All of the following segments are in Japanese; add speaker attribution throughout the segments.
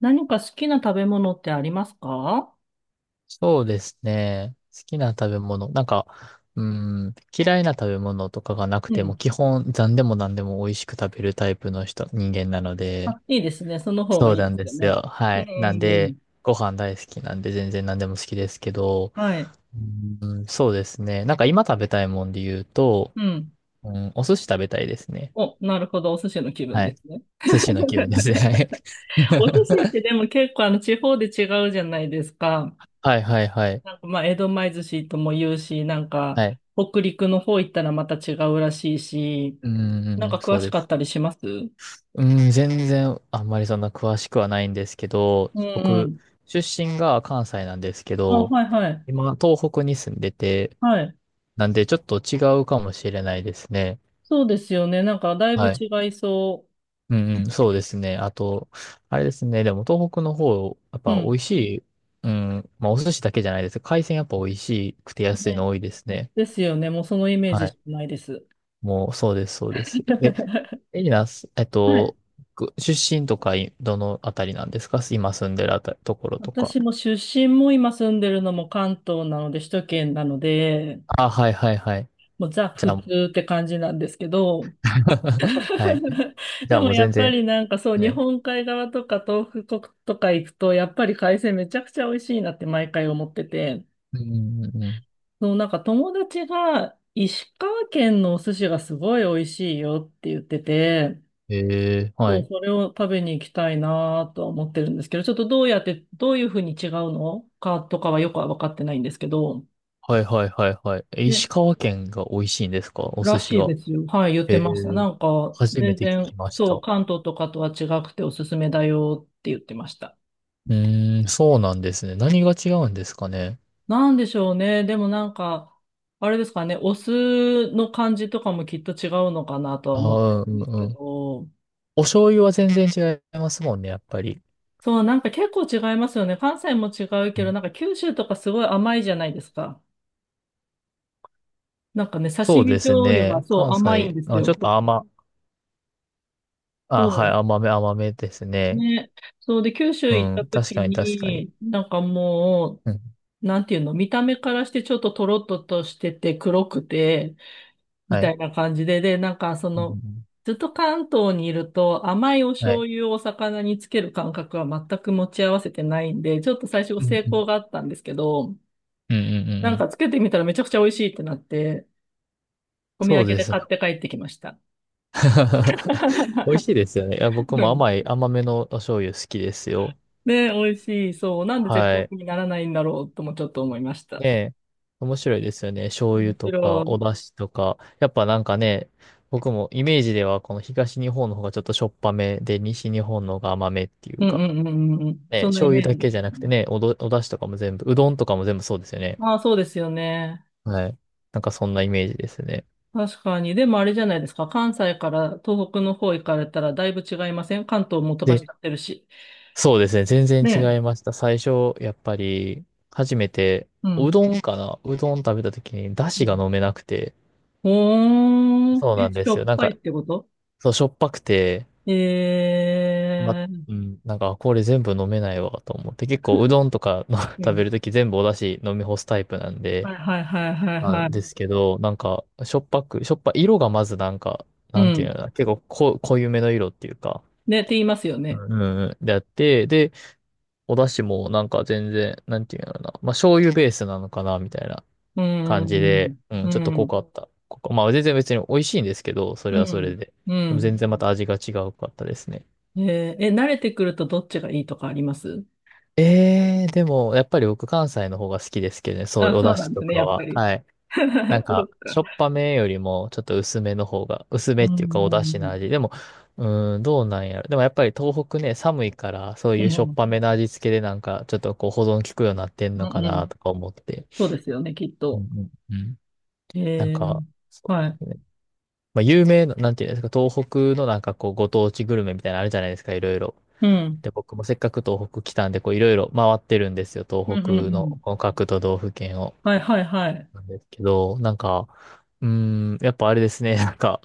Speaker 1: 何か好きな食べ物ってありますか？
Speaker 2: そうですね。好きな食べ物。嫌いな食べ物とかがなく
Speaker 1: う
Speaker 2: ても、
Speaker 1: ん。
Speaker 2: 基本、残でも何でも美味しく食べるタイプの人間なので、
Speaker 1: あ、いいですね。その方が
Speaker 2: そう
Speaker 1: いい
Speaker 2: な
Speaker 1: で
Speaker 2: ん
Speaker 1: す
Speaker 2: で
Speaker 1: よ
Speaker 2: す
Speaker 1: ね。
Speaker 2: よ。は
Speaker 1: う
Speaker 2: い。なんで、
Speaker 1: ん。
Speaker 2: ご飯大好きなんで、全然何でも好きですけど、
Speaker 1: はい。
Speaker 2: うん、そうですね。なんか今食べたいもんで言うと、
Speaker 1: うん。
Speaker 2: うん、お寿司食べたいですね。
Speaker 1: お、なるほど。お寿司の気分
Speaker 2: は
Speaker 1: で
Speaker 2: い。
Speaker 1: すね。
Speaker 2: 寿司の気分ですね。
Speaker 1: お寿司ってでも結構あの地方で違うじゃないですか。
Speaker 2: はい はいはいはい。
Speaker 1: なんかまあ、江戸前寿司とも言うし、なんか
Speaker 2: はい。
Speaker 1: 北陸の方行ったらまた違うらしいし、
Speaker 2: うん、うん
Speaker 1: な
Speaker 2: う
Speaker 1: ん
Speaker 2: ん
Speaker 1: か詳
Speaker 2: そう
Speaker 1: し
Speaker 2: で
Speaker 1: かっ
Speaker 2: す。
Speaker 1: たりします？うん、
Speaker 2: うん、全然あんまりそんな詳しくはないんですけど、
Speaker 1: う
Speaker 2: 僕、
Speaker 1: ん。
Speaker 2: 出身が関西なんですけ
Speaker 1: あ、
Speaker 2: ど、
Speaker 1: はいはい。
Speaker 2: 今、東北に住んでて、
Speaker 1: はい。
Speaker 2: なんでちょっと違うかもしれないですね。
Speaker 1: そうですよね。なんかだいぶ
Speaker 2: はい。
Speaker 1: 違いそ
Speaker 2: うんうん、そうですね。あと、あれですね、でも東北の方、やっ
Speaker 1: う。う
Speaker 2: ぱ美
Speaker 1: ん。
Speaker 2: 味しい、うん、まあお寿司だけじゃないです。海鮮やっぱ美味しくて安い
Speaker 1: ね、
Speaker 2: の多いですね。
Speaker 1: ですよね。もうそのイメー
Speaker 2: は
Speaker 1: ジし
Speaker 2: い。
Speaker 1: かないです。
Speaker 2: もう、そうです、そうです。エリナス、えっ
Speaker 1: はい。
Speaker 2: と、く出身とかい、どのあたりなんですか、今住んでるあたり、ところとか。
Speaker 1: 私も出身も今住んでるのも関東なので、首都圏なので、
Speaker 2: あ、はいはいはい。
Speaker 1: もうザ
Speaker 2: じゃ
Speaker 1: 普
Speaker 2: あもう
Speaker 1: 通って感じなんですけど、
Speaker 2: はい。じゃ
Speaker 1: で
Speaker 2: あ
Speaker 1: も
Speaker 2: もう
Speaker 1: や
Speaker 2: 全
Speaker 1: っぱ
Speaker 2: 然。
Speaker 1: りなんかそう、
Speaker 2: は
Speaker 1: 日
Speaker 2: い。
Speaker 1: 本海側とか東北国とか行くと、やっぱり海鮮めちゃくちゃ美味しいなって毎回思ってて、
Speaker 2: うんうんうん。
Speaker 1: そう、なんか友達が石川県のお寿司がすごい美味しいよって言ってて、
Speaker 2: ええは
Speaker 1: そう、
Speaker 2: い。
Speaker 1: それを食べに行きたいなとは思ってるんですけど、ちょっとどうやって、どういうふうに違うのかとかはよくは分かってないんですけど、
Speaker 2: はいはいはいはい。え、
Speaker 1: ね、
Speaker 2: 石川県が美味しいんですか、お
Speaker 1: ら
Speaker 2: 寿司
Speaker 1: しい
Speaker 2: が。
Speaker 1: ですよ。はい、言っ
Speaker 2: え
Speaker 1: てました。
Speaker 2: え、
Speaker 1: なんか、
Speaker 2: 初め
Speaker 1: 全
Speaker 2: て聞き
Speaker 1: 然、
Speaker 2: まし
Speaker 1: そ
Speaker 2: た。
Speaker 1: う、
Speaker 2: う
Speaker 1: 関東とかとは違くておすすめだよって言ってました。
Speaker 2: ーん、そうなんですね。何が違うんですかね。
Speaker 1: なんでしょうね。でもなんか、あれですかね、お酢の感じとかもきっと違うのかなとは
Speaker 2: あ
Speaker 1: 思って
Speaker 2: あ、
Speaker 1: る
Speaker 2: う
Speaker 1: ん
Speaker 2: ん
Speaker 1: ですけ
Speaker 2: うん。
Speaker 1: ど、
Speaker 2: お醤油は全然違いますもんね、やっぱり。
Speaker 1: そう、なんか結構違いますよね。関西も違う
Speaker 2: う
Speaker 1: けど、
Speaker 2: ん
Speaker 1: なんか九州とかすごい甘いじゃないですか。なんかね、刺
Speaker 2: そう
Speaker 1: 身
Speaker 2: です
Speaker 1: 醤油が
Speaker 2: ね。
Speaker 1: そ
Speaker 2: 関
Speaker 1: う甘いん
Speaker 2: 西、
Speaker 1: です
Speaker 2: あ、ちょ
Speaker 1: よ。
Speaker 2: っ
Speaker 1: そ
Speaker 2: と
Speaker 1: う。
Speaker 2: 甘、あ、はい、
Speaker 1: そ
Speaker 2: 甘めです
Speaker 1: う
Speaker 2: ね。
Speaker 1: ね。そうで、九州
Speaker 2: う
Speaker 1: 行った
Speaker 2: ん、確
Speaker 1: 時
Speaker 2: かに確かに。
Speaker 1: に、なんかも
Speaker 2: うん、
Speaker 1: う、なんていうの、見た目からしてちょっとトロッととしてて黒くて、み
Speaker 2: は
Speaker 1: た
Speaker 2: い。
Speaker 1: いな感じで、で、なんかそ
Speaker 2: うんうん
Speaker 1: の、
Speaker 2: うん
Speaker 1: ずっと関東にいると甘いお
Speaker 2: は
Speaker 1: 醤
Speaker 2: い。
Speaker 1: 油をお魚につける感覚は全く持ち合わせてないんで、ちょっと最初
Speaker 2: うん
Speaker 1: 成
Speaker 2: うん。
Speaker 1: 功があったんですけど、
Speaker 2: うんうんうんう
Speaker 1: なん
Speaker 2: ん。
Speaker 1: かつけてみたらめちゃくちゃ美味しいってなって、お土
Speaker 2: そ
Speaker 1: 産
Speaker 2: うで
Speaker 1: で
Speaker 2: すね。
Speaker 1: 買って帰ってきました。
Speaker 2: 美味しいですよね。いや、僕
Speaker 1: う
Speaker 2: も
Speaker 1: ん、
Speaker 2: 甘めのお醤油好きですよ。
Speaker 1: ね、美味しい。そう。なんで絶
Speaker 2: はい。
Speaker 1: 品にならないんだろうともちょっと思いまし
Speaker 2: ね
Speaker 1: た。
Speaker 2: え、面白いですよね。醤
Speaker 1: 面
Speaker 2: 油と
Speaker 1: 白
Speaker 2: か、
Speaker 1: い。う
Speaker 2: お
Speaker 1: ん、
Speaker 2: 出汁とか。やっぱなんかね、僕もイメージではこの東日本の方がちょっとしょっぱめで、西日本の方が甘めっていう
Speaker 1: うん、
Speaker 2: か。
Speaker 1: うん、うん、うん。
Speaker 2: ね、
Speaker 1: そんなイ
Speaker 2: 醤油
Speaker 1: メー
Speaker 2: だ
Speaker 1: ジ
Speaker 2: け
Speaker 1: です
Speaker 2: じゃ
Speaker 1: よ
Speaker 2: なくて
Speaker 1: ね。
Speaker 2: ね、お出汁とかも全部、うどんとかも全部そうですよね。
Speaker 1: ああ、そうですよね。
Speaker 2: はい。なんかそんなイメージですね。
Speaker 1: 確かに。でもあれじゃないですか。関西から東北の方行かれたらだいぶ違いません？関東も飛ばしち
Speaker 2: で、
Speaker 1: ゃってるし。
Speaker 2: そうですね。全然違
Speaker 1: ね
Speaker 2: いました。最初、やっぱり、初めて、
Speaker 1: え。うん。
Speaker 2: うどん食べた時に、だ
Speaker 1: う
Speaker 2: しが
Speaker 1: ん。
Speaker 2: 飲めなくて。
Speaker 1: ほー
Speaker 2: そうな
Speaker 1: え、
Speaker 2: んで
Speaker 1: しょ
Speaker 2: すよ。
Speaker 1: っぱいってこと？
Speaker 2: そう、しょっぱくて、ま、
Speaker 1: えー。
Speaker 2: これ全部飲めないわ、と思って。結構、うどんとかの
Speaker 1: う
Speaker 2: 食べ
Speaker 1: ん。
Speaker 2: る時全部おだし飲み干すタイプなん
Speaker 1: は
Speaker 2: で、
Speaker 1: い、はい、はい、はい、
Speaker 2: な
Speaker 1: は
Speaker 2: ん
Speaker 1: い。
Speaker 2: ですけど、なんか、しょっぱく、しょっぱ、色がまずなんか、
Speaker 1: う
Speaker 2: なんていう
Speaker 1: ん。
Speaker 2: のかな、結構こ、濃いめの色っていうか、
Speaker 1: ね、って言いますよね。
Speaker 2: うん、うんうんであって、で、お出汁もなんか全然、なんていうんだろうな。まあ、醤油ベースなのかな、みたいな
Speaker 1: うん。う
Speaker 2: 感じで、
Speaker 1: ん。
Speaker 2: うん、
Speaker 1: う
Speaker 2: ちょっと濃
Speaker 1: ん。
Speaker 2: かった。まあ、全然別に美味しいんですけど、それ
Speaker 1: う
Speaker 2: はそれ
Speaker 1: ん。
Speaker 2: で。
Speaker 1: う
Speaker 2: でも
Speaker 1: ん。
Speaker 2: 全然また味が違うかったですね。
Speaker 1: えー、え、慣れてくるとどっちがいいとかあります？
Speaker 2: えー、でも、やっぱり僕関西の方が好きですけどね、そういう
Speaker 1: あ、
Speaker 2: お
Speaker 1: そう
Speaker 2: 出
Speaker 1: なん
Speaker 2: 汁
Speaker 1: です
Speaker 2: と
Speaker 1: ね、
Speaker 2: か
Speaker 1: やっぱ
Speaker 2: は。
Speaker 1: り。
Speaker 2: はい。なん
Speaker 1: そう
Speaker 2: か、し
Speaker 1: か。
Speaker 2: ょっぱめよりも、ちょっと薄めの方が、薄め
Speaker 1: う
Speaker 2: っていう
Speaker 1: ん、
Speaker 2: かお
Speaker 1: う
Speaker 2: 出汁の
Speaker 1: ん、
Speaker 2: 味。でも、うーん、どうなんやろ。でもやっぱり東北ね、寒いから、そう
Speaker 1: う
Speaker 2: いう
Speaker 1: ん、
Speaker 2: しょっ
Speaker 1: うん、
Speaker 2: ぱめの味付けでなんか、ちょっとこう保存効くようになってん
Speaker 1: う
Speaker 2: のか
Speaker 1: ん、う
Speaker 2: な
Speaker 1: ん。
Speaker 2: とか思って。
Speaker 1: そうですよね、きっ
Speaker 2: うん
Speaker 1: と。
Speaker 2: うんうんなん
Speaker 1: えー、
Speaker 2: か、そう
Speaker 1: は
Speaker 2: で
Speaker 1: い。
Speaker 2: すね。まあ、有名な、なんていうんですか、東北のなんかこう、ご当地グルメみたいなのあるじゃないですか、いろいろ。
Speaker 1: うん。
Speaker 2: で、僕もせっかく東北来たんで、こう、いろいろ回ってるんですよ、
Speaker 1: う
Speaker 2: 東
Speaker 1: ん、
Speaker 2: 北
Speaker 1: うん、う
Speaker 2: の、
Speaker 1: ん。
Speaker 2: この各都道府県を。
Speaker 1: はい、はい、はい。
Speaker 2: なんですけど、なんか、うーん、やっぱあれですね、なんか、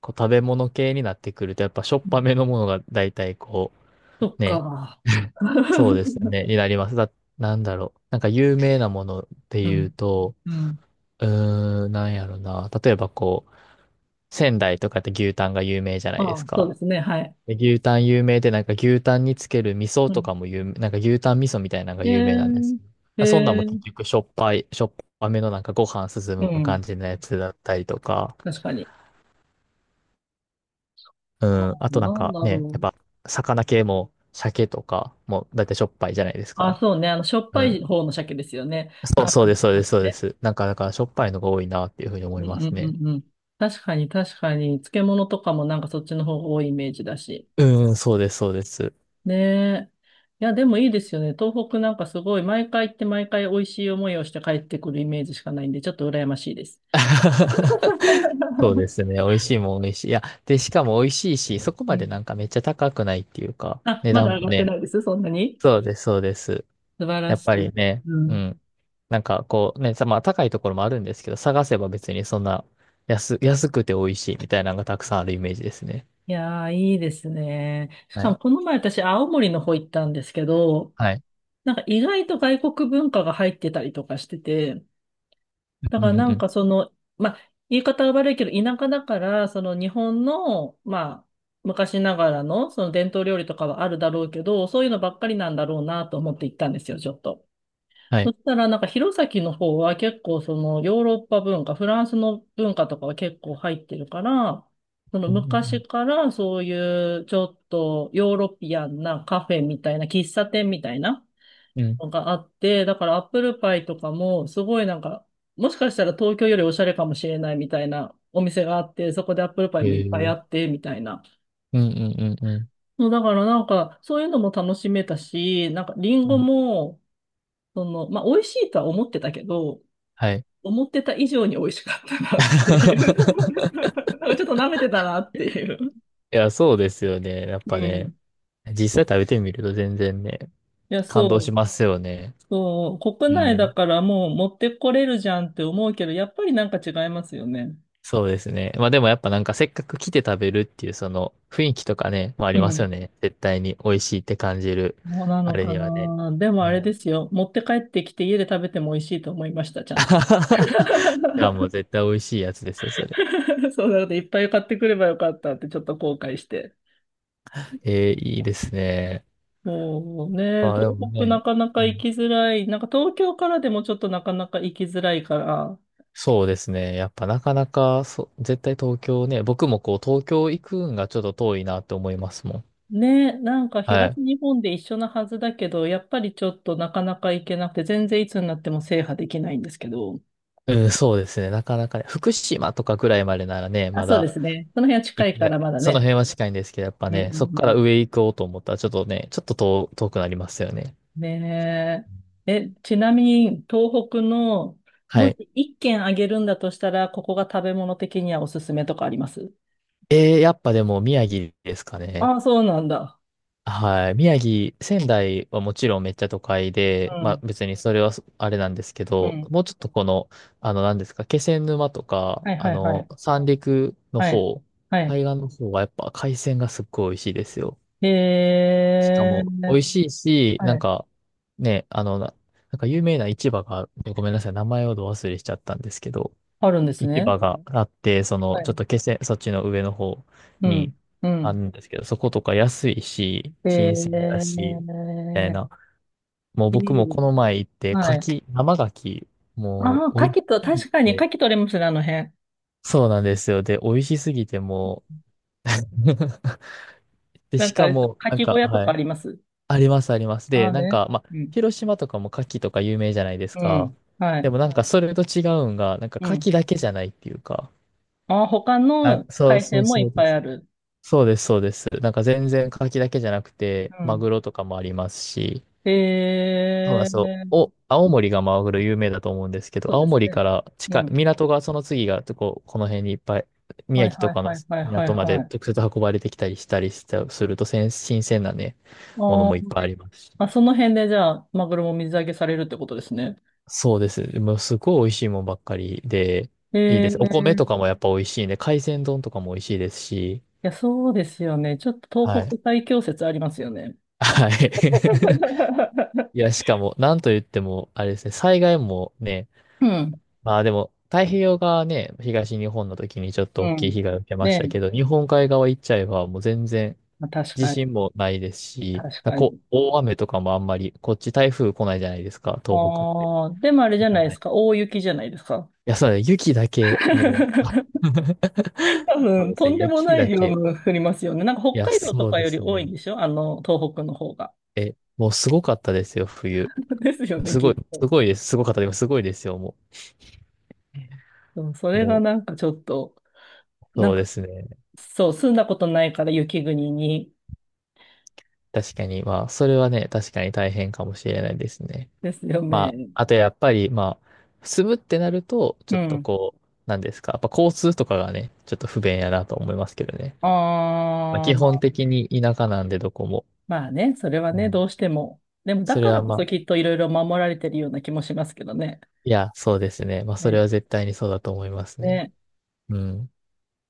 Speaker 2: こう、食べ物系になってくると、やっぱしょっ
Speaker 1: う
Speaker 2: ぱ
Speaker 1: ん、
Speaker 2: めのものが大体こ
Speaker 1: そっ
Speaker 2: う、ね、
Speaker 1: か。
Speaker 2: そうですね、になります。なんだろう。なんか有名なもので
Speaker 1: う
Speaker 2: 言
Speaker 1: ん。
Speaker 2: うと、
Speaker 1: うん。
Speaker 2: うーん、なんやろな。例えばこう、仙台とかって牛タンが有名じゃないで
Speaker 1: あ
Speaker 2: す
Speaker 1: あ、そうで
Speaker 2: か。
Speaker 1: すね。はい。
Speaker 2: で牛タン有名で、なんか牛タンにつける味噌
Speaker 1: う
Speaker 2: と
Speaker 1: ん。
Speaker 2: かも有名、なんか牛タン味噌みたいなのが
Speaker 1: ええ
Speaker 2: 有名なんですけ
Speaker 1: ー、
Speaker 2: ど。そんなん
Speaker 1: え
Speaker 2: も結
Speaker 1: ー、
Speaker 2: 局しょっぱめのなんかご飯進
Speaker 1: う
Speaker 2: む感
Speaker 1: ん。
Speaker 2: じのやつだったりとか、
Speaker 1: 確かに。
Speaker 2: う
Speaker 1: ああ、
Speaker 2: ん、あとなん
Speaker 1: なん
Speaker 2: か
Speaker 1: だ
Speaker 2: ね、や
Speaker 1: ろ
Speaker 2: っぱ
Speaker 1: う。
Speaker 2: 魚系も鮭とかもだってしょっぱいじゃないです
Speaker 1: ああ、
Speaker 2: か。
Speaker 1: そうね。あの、しょっぱ
Speaker 2: う
Speaker 1: い
Speaker 2: ん。
Speaker 1: 方の鮭ですよね。
Speaker 2: そう、
Speaker 1: 生
Speaker 2: そう
Speaker 1: の。
Speaker 2: です、そうです、そうで
Speaker 1: ね。
Speaker 2: す。なんかだからしょっぱいのが多いなっていうふうに思
Speaker 1: うん、
Speaker 2: い
Speaker 1: う
Speaker 2: ます
Speaker 1: ん、う
Speaker 2: ね。
Speaker 1: ん、うん。確かに、確かに、漬物とかもなんかそっちの方が多いイメージだし。
Speaker 2: うん、そうです、そうです。
Speaker 1: ねえ。いや、でもいいですよね。東北なんかすごい、毎回行って毎回美味しい思いをして帰ってくるイメージしかないんで、ちょっと羨ましいです。
Speaker 2: そうで すね。美味しいもん美味しい。いや、で、しかも美味しいし、そこ
Speaker 1: う
Speaker 2: までな
Speaker 1: ん。
Speaker 2: んかめっちゃ高くないっていうか、
Speaker 1: あ、
Speaker 2: 値
Speaker 1: ま
Speaker 2: 段
Speaker 1: だ
Speaker 2: も
Speaker 1: 上がって
Speaker 2: ね。
Speaker 1: ないです、そんなに。
Speaker 2: そうです、そうです。
Speaker 1: 素晴
Speaker 2: や
Speaker 1: ら
Speaker 2: っ
Speaker 1: し
Speaker 2: ぱ
Speaker 1: い。
Speaker 2: りね、
Speaker 1: う
Speaker 2: う
Speaker 1: ん。
Speaker 2: ん。まあ高いところもあるんですけど、探せば別にそんな安くて美味しいみたいなのがたくさんあるイメージですね。
Speaker 1: いやー、いいですね。し
Speaker 2: は
Speaker 1: かも、
Speaker 2: い。
Speaker 1: この前私、青森の方行ったんですけど、
Speaker 2: はい。
Speaker 1: なんか意外と外国文化が入ってたりとかしてて、だ
Speaker 2: うん
Speaker 1: から
Speaker 2: う
Speaker 1: な
Speaker 2: んう
Speaker 1: ん
Speaker 2: ん。
Speaker 1: かその、まあ、言い方は悪いけど、田舎だから、その日本の、まあ、昔ながらの、その伝統料理とかはあるだろうけど、そういうのばっかりなんだろうなと思って行ったんですよ、ちょっと。
Speaker 2: は
Speaker 1: そ
Speaker 2: い。
Speaker 1: したら、なんか弘前の方は結構そのヨーロッパ文化、フランスの文化とかは結構入ってるから、その
Speaker 2: う
Speaker 1: 昔
Speaker 2: ん
Speaker 1: からそういうちょっとヨーロピアンなカフェみたいな、喫茶店みたいな、
Speaker 2: うんうん。うん
Speaker 1: のがあって、だからアップルパイとかも、すごいなんか、もしかしたら東京よりおしゃれかもしれないみたいなお店があって、そこでアップルパイ
Speaker 2: へ
Speaker 1: もいっぱいあ
Speaker 2: ー
Speaker 1: って、みたいな。
Speaker 2: うんうんうんうん。
Speaker 1: そうだからなんか、そういうのも楽しめたし、なんかリン
Speaker 2: う
Speaker 1: ゴ
Speaker 2: ん
Speaker 1: も、その、まあ、美味しいとは思ってたけど、
Speaker 2: はい。
Speaker 1: 思ってた以上に美味しかったなっていう。なんかちょっと舐めてたなっていう。
Speaker 2: いや、そうですよね。やっ
Speaker 1: う
Speaker 2: ぱ
Speaker 1: ん。い
Speaker 2: ね。実際食べてみると全然ね、
Speaker 1: や、
Speaker 2: 感動
Speaker 1: そ
Speaker 2: し
Speaker 1: う。
Speaker 2: ますよね。
Speaker 1: そう、国
Speaker 2: う
Speaker 1: 内だ
Speaker 2: ん。
Speaker 1: からもう持ってこれるじゃんって思うけど、やっぱりなんか違いますよね。
Speaker 2: そうですね。まあでもやっぱなんかせっかく来て食べるっていうその雰囲気とかね、まああり
Speaker 1: う
Speaker 2: ます
Speaker 1: ん。
Speaker 2: よね。絶対に美味しいって感じる。
Speaker 1: そうな
Speaker 2: あ
Speaker 1: の
Speaker 2: れ
Speaker 1: か
Speaker 2: にはね。
Speaker 1: な。でも
Speaker 2: は
Speaker 1: あれ
Speaker 2: い
Speaker 1: ですよ。持って帰ってきて家で食べても美味しいと思いました、ちゃんと。
Speaker 2: いや、もう 絶対美味しいやつですよ、それ。
Speaker 1: そうなので、いっぱい買ってくればよかったってちょっと後悔して。
Speaker 2: えー、いいですね。
Speaker 1: もうね、
Speaker 2: あ、で
Speaker 1: 東
Speaker 2: も
Speaker 1: 北な
Speaker 2: ね、
Speaker 1: かな
Speaker 2: う
Speaker 1: か行
Speaker 2: ん
Speaker 1: きづらい。なんか東京からでもちょっとなかなか行きづらいから。
Speaker 2: そうですね。やっぱなかなか、そう、絶対東京ね、僕もこう東京行くんがちょっと遠いなって思いますもん。
Speaker 1: ね、なんか
Speaker 2: は
Speaker 1: 東
Speaker 2: い。
Speaker 1: 日本で一緒なはずだけど、やっぱりちょっとなかなか行けなくて、全然いつになっても制覇できないんですけど。
Speaker 2: うん、そうですね。なかなかね、福島とかぐらいまでならね、
Speaker 1: あ、
Speaker 2: ま
Speaker 1: そうで
Speaker 2: だ
Speaker 1: すね。その辺は近
Speaker 2: 行け、
Speaker 1: い
Speaker 2: い
Speaker 1: か
Speaker 2: や
Speaker 1: らまだ
Speaker 2: その
Speaker 1: ね。
Speaker 2: 辺は近いんですけど、やっぱ
Speaker 1: うん、うん、
Speaker 2: ね、そこ
Speaker 1: う
Speaker 2: から
Speaker 1: ん。
Speaker 2: 上行こうと思ったら、ちょっとね、ちょっと遠、遠くなりますよね。
Speaker 1: ねえ。え、ちなみに、東北の、
Speaker 2: は
Speaker 1: も
Speaker 2: い。
Speaker 1: し一軒あげるんだとしたら、ここが食べ物的にはおすすめとかあります？
Speaker 2: えー、やっぱでも宮城ですかね。
Speaker 1: ああ、そうなんだ。
Speaker 2: はい。宮城、仙台はもちろんめっちゃ都会
Speaker 1: う
Speaker 2: で、まあ
Speaker 1: ん。
Speaker 2: 別にそれはそあれなんですけ
Speaker 1: う
Speaker 2: ど、
Speaker 1: ん。
Speaker 2: もうちょっとこの、あの何ですか、気仙沼とか、
Speaker 1: はい、
Speaker 2: あ
Speaker 1: はい、は
Speaker 2: の、
Speaker 1: い。
Speaker 2: 三陸の
Speaker 1: はい。
Speaker 2: 方、
Speaker 1: はい。
Speaker 2: 海岸の方はやっぱ海鮮がすっごい美味しいですよ。
Speaker 1: へ
Speaker 2: しかも、美味
Speaker 1: え。
Speaker 2: しいし、な
Speaker 1: は
Speaker 2: ん
Speaker 1: い。
Speaker 2: か、ね、あの、な、なんか有名な市場がある、ごめんなさい、名前をど忘れしちゃったんですけど、
Speaker 1: あるんです
Speaker 2: 市
Speaker 1: ね。
Speaker 2: 場があって、そ
Speaker 1: は
Speaker 2: の、ちょっ
Speaker 1: い。
Speaker 2: と気仙、そっちの上の方
Speaker 1: うん。
Speaker 2: に
Speaker 1: う
Speaker 2: ある
Speaker 1: ん。
Speaker 2: んですけど、そことか安いし、
Speaker 1: へ
Speaker 2: 新鮮だし、み
Speaker 1: え。
Speaker 2: たいな。もう
Speaker 1: い
Speaker 2: 僕も
Speaker 1: い。
Speaker 2: この前行って、
Speaker 1: はい。
Speaker 2: 生柿、
Speaker 1: あ
Speaker 2: も
Speaker 1: あ、牡
Speaker 2: う、美味し
Speaker 1: 蠣と、
Speaker 2: すぎ
Speaker 1: 確かに牡
Speaker 2: て、
Speaker 1: 蠣取れますね、あの辺。
Speaker 2: そうなんですよ。で、美味しすぎて、もう で、
Speaker 1: な
Speaker 2: し
Speaker 1: んかあ
Speaker 2: か
Speaker 1: れ、牡
Speaker 2: も、なん
Speaker 1: 蠣小
Speaker 2: か、
Speaker 1: 屋と
Speaker 2: は
Speaker 1: かあ
Speaker 2: い。
Speaker 1: ります？
Speaker 2: あります、あります。
Speaker 1: あ
Speaker 2: で、
Speaker 1: あ
Speaker 2: なん
Speaker 1: ね。
Speaker 2: か、まあ、
Speaker 1: うん。
Speaker 2: 広島とかも牡蠣とか有名じゃないです
Speaker 1: う
Speaker 2: か。
Speaker 1: ん。は
Speaker 2: で
Speaker 1: い。
Speaker 2: もなんか、それと違うんが、なんか
Speaker 1: う
Speaker 2: 牡蠣
Speaker 1: ん。
Speaker 2: だけじゃないっていうか。
Speaker 1: あ、他
Speaker 2: あ、
Speaker 1: の
Speaker 2: そう
Speaker 1: 海
Speaker 2: そ
Speaker 1: 鮮
Speaker 2: う
Speaker 1: もい
Speaker 2: そう
Speaker 1: っぱ
Speaker 2: で
Speaker 1: い
Speaker 2: す。
Speaker 1: ある。
Speaker 2: そうです、そうです。なんか全然牡蠣だけじゃなくて、
Speaker 1: う
Speaker 2: マ
Speaker 1: ん。
Speaker 2: グロとかもありますし、
Speaker 1: へ
Speaker 2: そうなん
Speaker 1: え
Speaker 2: ですよ。
Speaker 1: ー、
Speaker 2: お、青森がマグロ有名だと思うんですけど、
Speaker 1: そうで
Speaker 2: 青
Speaker 1: す
Speaker 2: 森か
Speaker 1: ね。
Speaker 2: ら
Speaker 1: う
Speaker 2: 近い、
Speaker 1: ん。
Speaker 2: 港がその次が、こう、この辺にいっぱい、
Speaker 1: は
Speaker 2: 宮
Speaker 1: い、
Speaker 2: 城
Speaker 1: は
Speaker 2: と
Speaker 1: い、
Speaker 2: か
Speaker 1: は
Speaker 2: の
Speaker 1: い、はい、はい、
Speaker 2: 港ま
Speaker 1: は
Speaker 2: で
Speaker 1: い。あ
Speaker 2: 直接運ばれてきたりしたりした、すると、新鮮なね、もの
Speaker 1: ー、
Speaker 2: もいっぱいありますし。
Speaker 1: あ、その辺でじゃあ、マグロも水揚げされるってことですね。
Speaker 2: そうです。もうすごい美味しいもんばっかりで、
Speaker 1: へ
Speaker 2: いいで
Speaker 1: え
Speaker 2: す。お米
Speaker 1: ー、
Speaker 2: と
Speaker 1: い
Speaker 2: かもやっぱ美味しいんで、海鮮丼とかも美味しいですし、
Speaker 1: や、そうですよね。ちょっと
Speaker 2: は
Speaker 1: 東
Speaker 2: い。
Speaker 1: 北最強説ありますよね。
Speaker 2: は い。いや、しかも、なんと言っても、あれですね、災害もね、
Speaker 1: うん。
Speaker 2: まあでも、太平洋側ね、東日本の時にちょっ
Speaker 1: う
Speaker 2: と大きい
Speaker 1: ん。
Speaker 2: 被害を受けま
Speaker 1: ね
Speaker 2: したけ
Speaker 1: え。
Speaker 2: ど、日本海側行っちゃえばもう全然
Speaker 1: まあ、確
Speaker 2: 地
Speaker 1: かに。
Speaker 2: 震もないですし、
Speaker 1: 確かに。
Speaker 2: こう、大雨とかもあんまり、こっち台風来ないじゃないですか、東北って。
Speaker 1: ああ、でもあれじ
Speaker 2: だ
Speaker 1: ゃ
Speaker 2: か
Speaker 1: な
Speaker 2: ら
Speaker 1: いで
Speaker 2: な
Speaker 1: す
Speaker 2: い
Speaker 1: か。大雪じゃないですか。
Speaker 2: いや、そうだね。雪だけ、もう。
Speaker 1: 多
Speaker 2: そう
Speaker 1: 分、
Speaker 2: です
Speaker 1: と
Speaker 2: ね。
Speaker 1: んでも
Speaker 2: 雪
Speaker 1: ない
Speaker 2: だ
Speaker 1: 量
Speaker 2: け。
Speaker 1: の降りますよね。なんか
Speaker 2: い
Speaker 1: 北
Speaker 2: や、
Speaker 1: 海道と
Speaker 2: そう
Speaker 1: か
Speaker 2: で
Speaker 1: より
Speaker 2: す
Speaker 1: 多い
Speaker 2: ね。
Speaker 1: んでしょ？あの、東北の方が。
Speaker 2: え、もうすごかったですよ、冬。
Speaker 1: ですよね、
Speaker 2: す
Speaker 1: き
Speaker 2: ごい、
Speaker 1: っと。
Speaker 2: すごいです。すごかった。でもすごいですよ、も
Speaker 1: そう、そ
Speaker 2: う。
Speaker 1: れが
Speaker 2: も
Speaker 1: なんかちょっと、
Speaker 2: う、
Speaker 1: なん
Speaker 2: そうで
Speaker 1: か、
Speaker 2: すね。
Speaker 1: そう、住んだことないから雪国に。
Speaker 2: 確かに、まあ、それはね、確かに大変かもしれないですね。
Speaker 1: ですよ
Speaker 2: ま
Speaker 1: ね。
Speaker 2: あ、あとやっぱり、まあ、住むってなると、ち
Speaker 1: う
Speaker 2: ょっと
Speaker 1: ん。
Speaker 2: こう、なんですか。やっぱ交通とかがね、ちょっと不便やなと思いますけどね。まあ、
Speaker 1: あ
Speaker 2: 基本
Speaker 1: あ、
Speaker 2: 的に田舎なんで、どこも。
Speaker 1: まあね、それは
Speaker 2: う
Speaker 1: ね、
Speaker 2: ん
Speaker 1: どうしても。でも、だ
Speaker 2: そ
Speaker 1: か
Speaker 2: れ
Speaker 1: ら
Speaker 2: は
Speaker 1: こ
Speaker 2: ま
Speaker 1: そ
Speaker 2: あ、
Speaker 1: きっといろいろ守られてるような気もしますけどね。
Speaker 2: いや、そうですね。まあ、それ
Speaker 1: ね。
Speaker 2: は絶対にそうだと思いますね。
Speaker 1: ね。
Speaker 2: うん。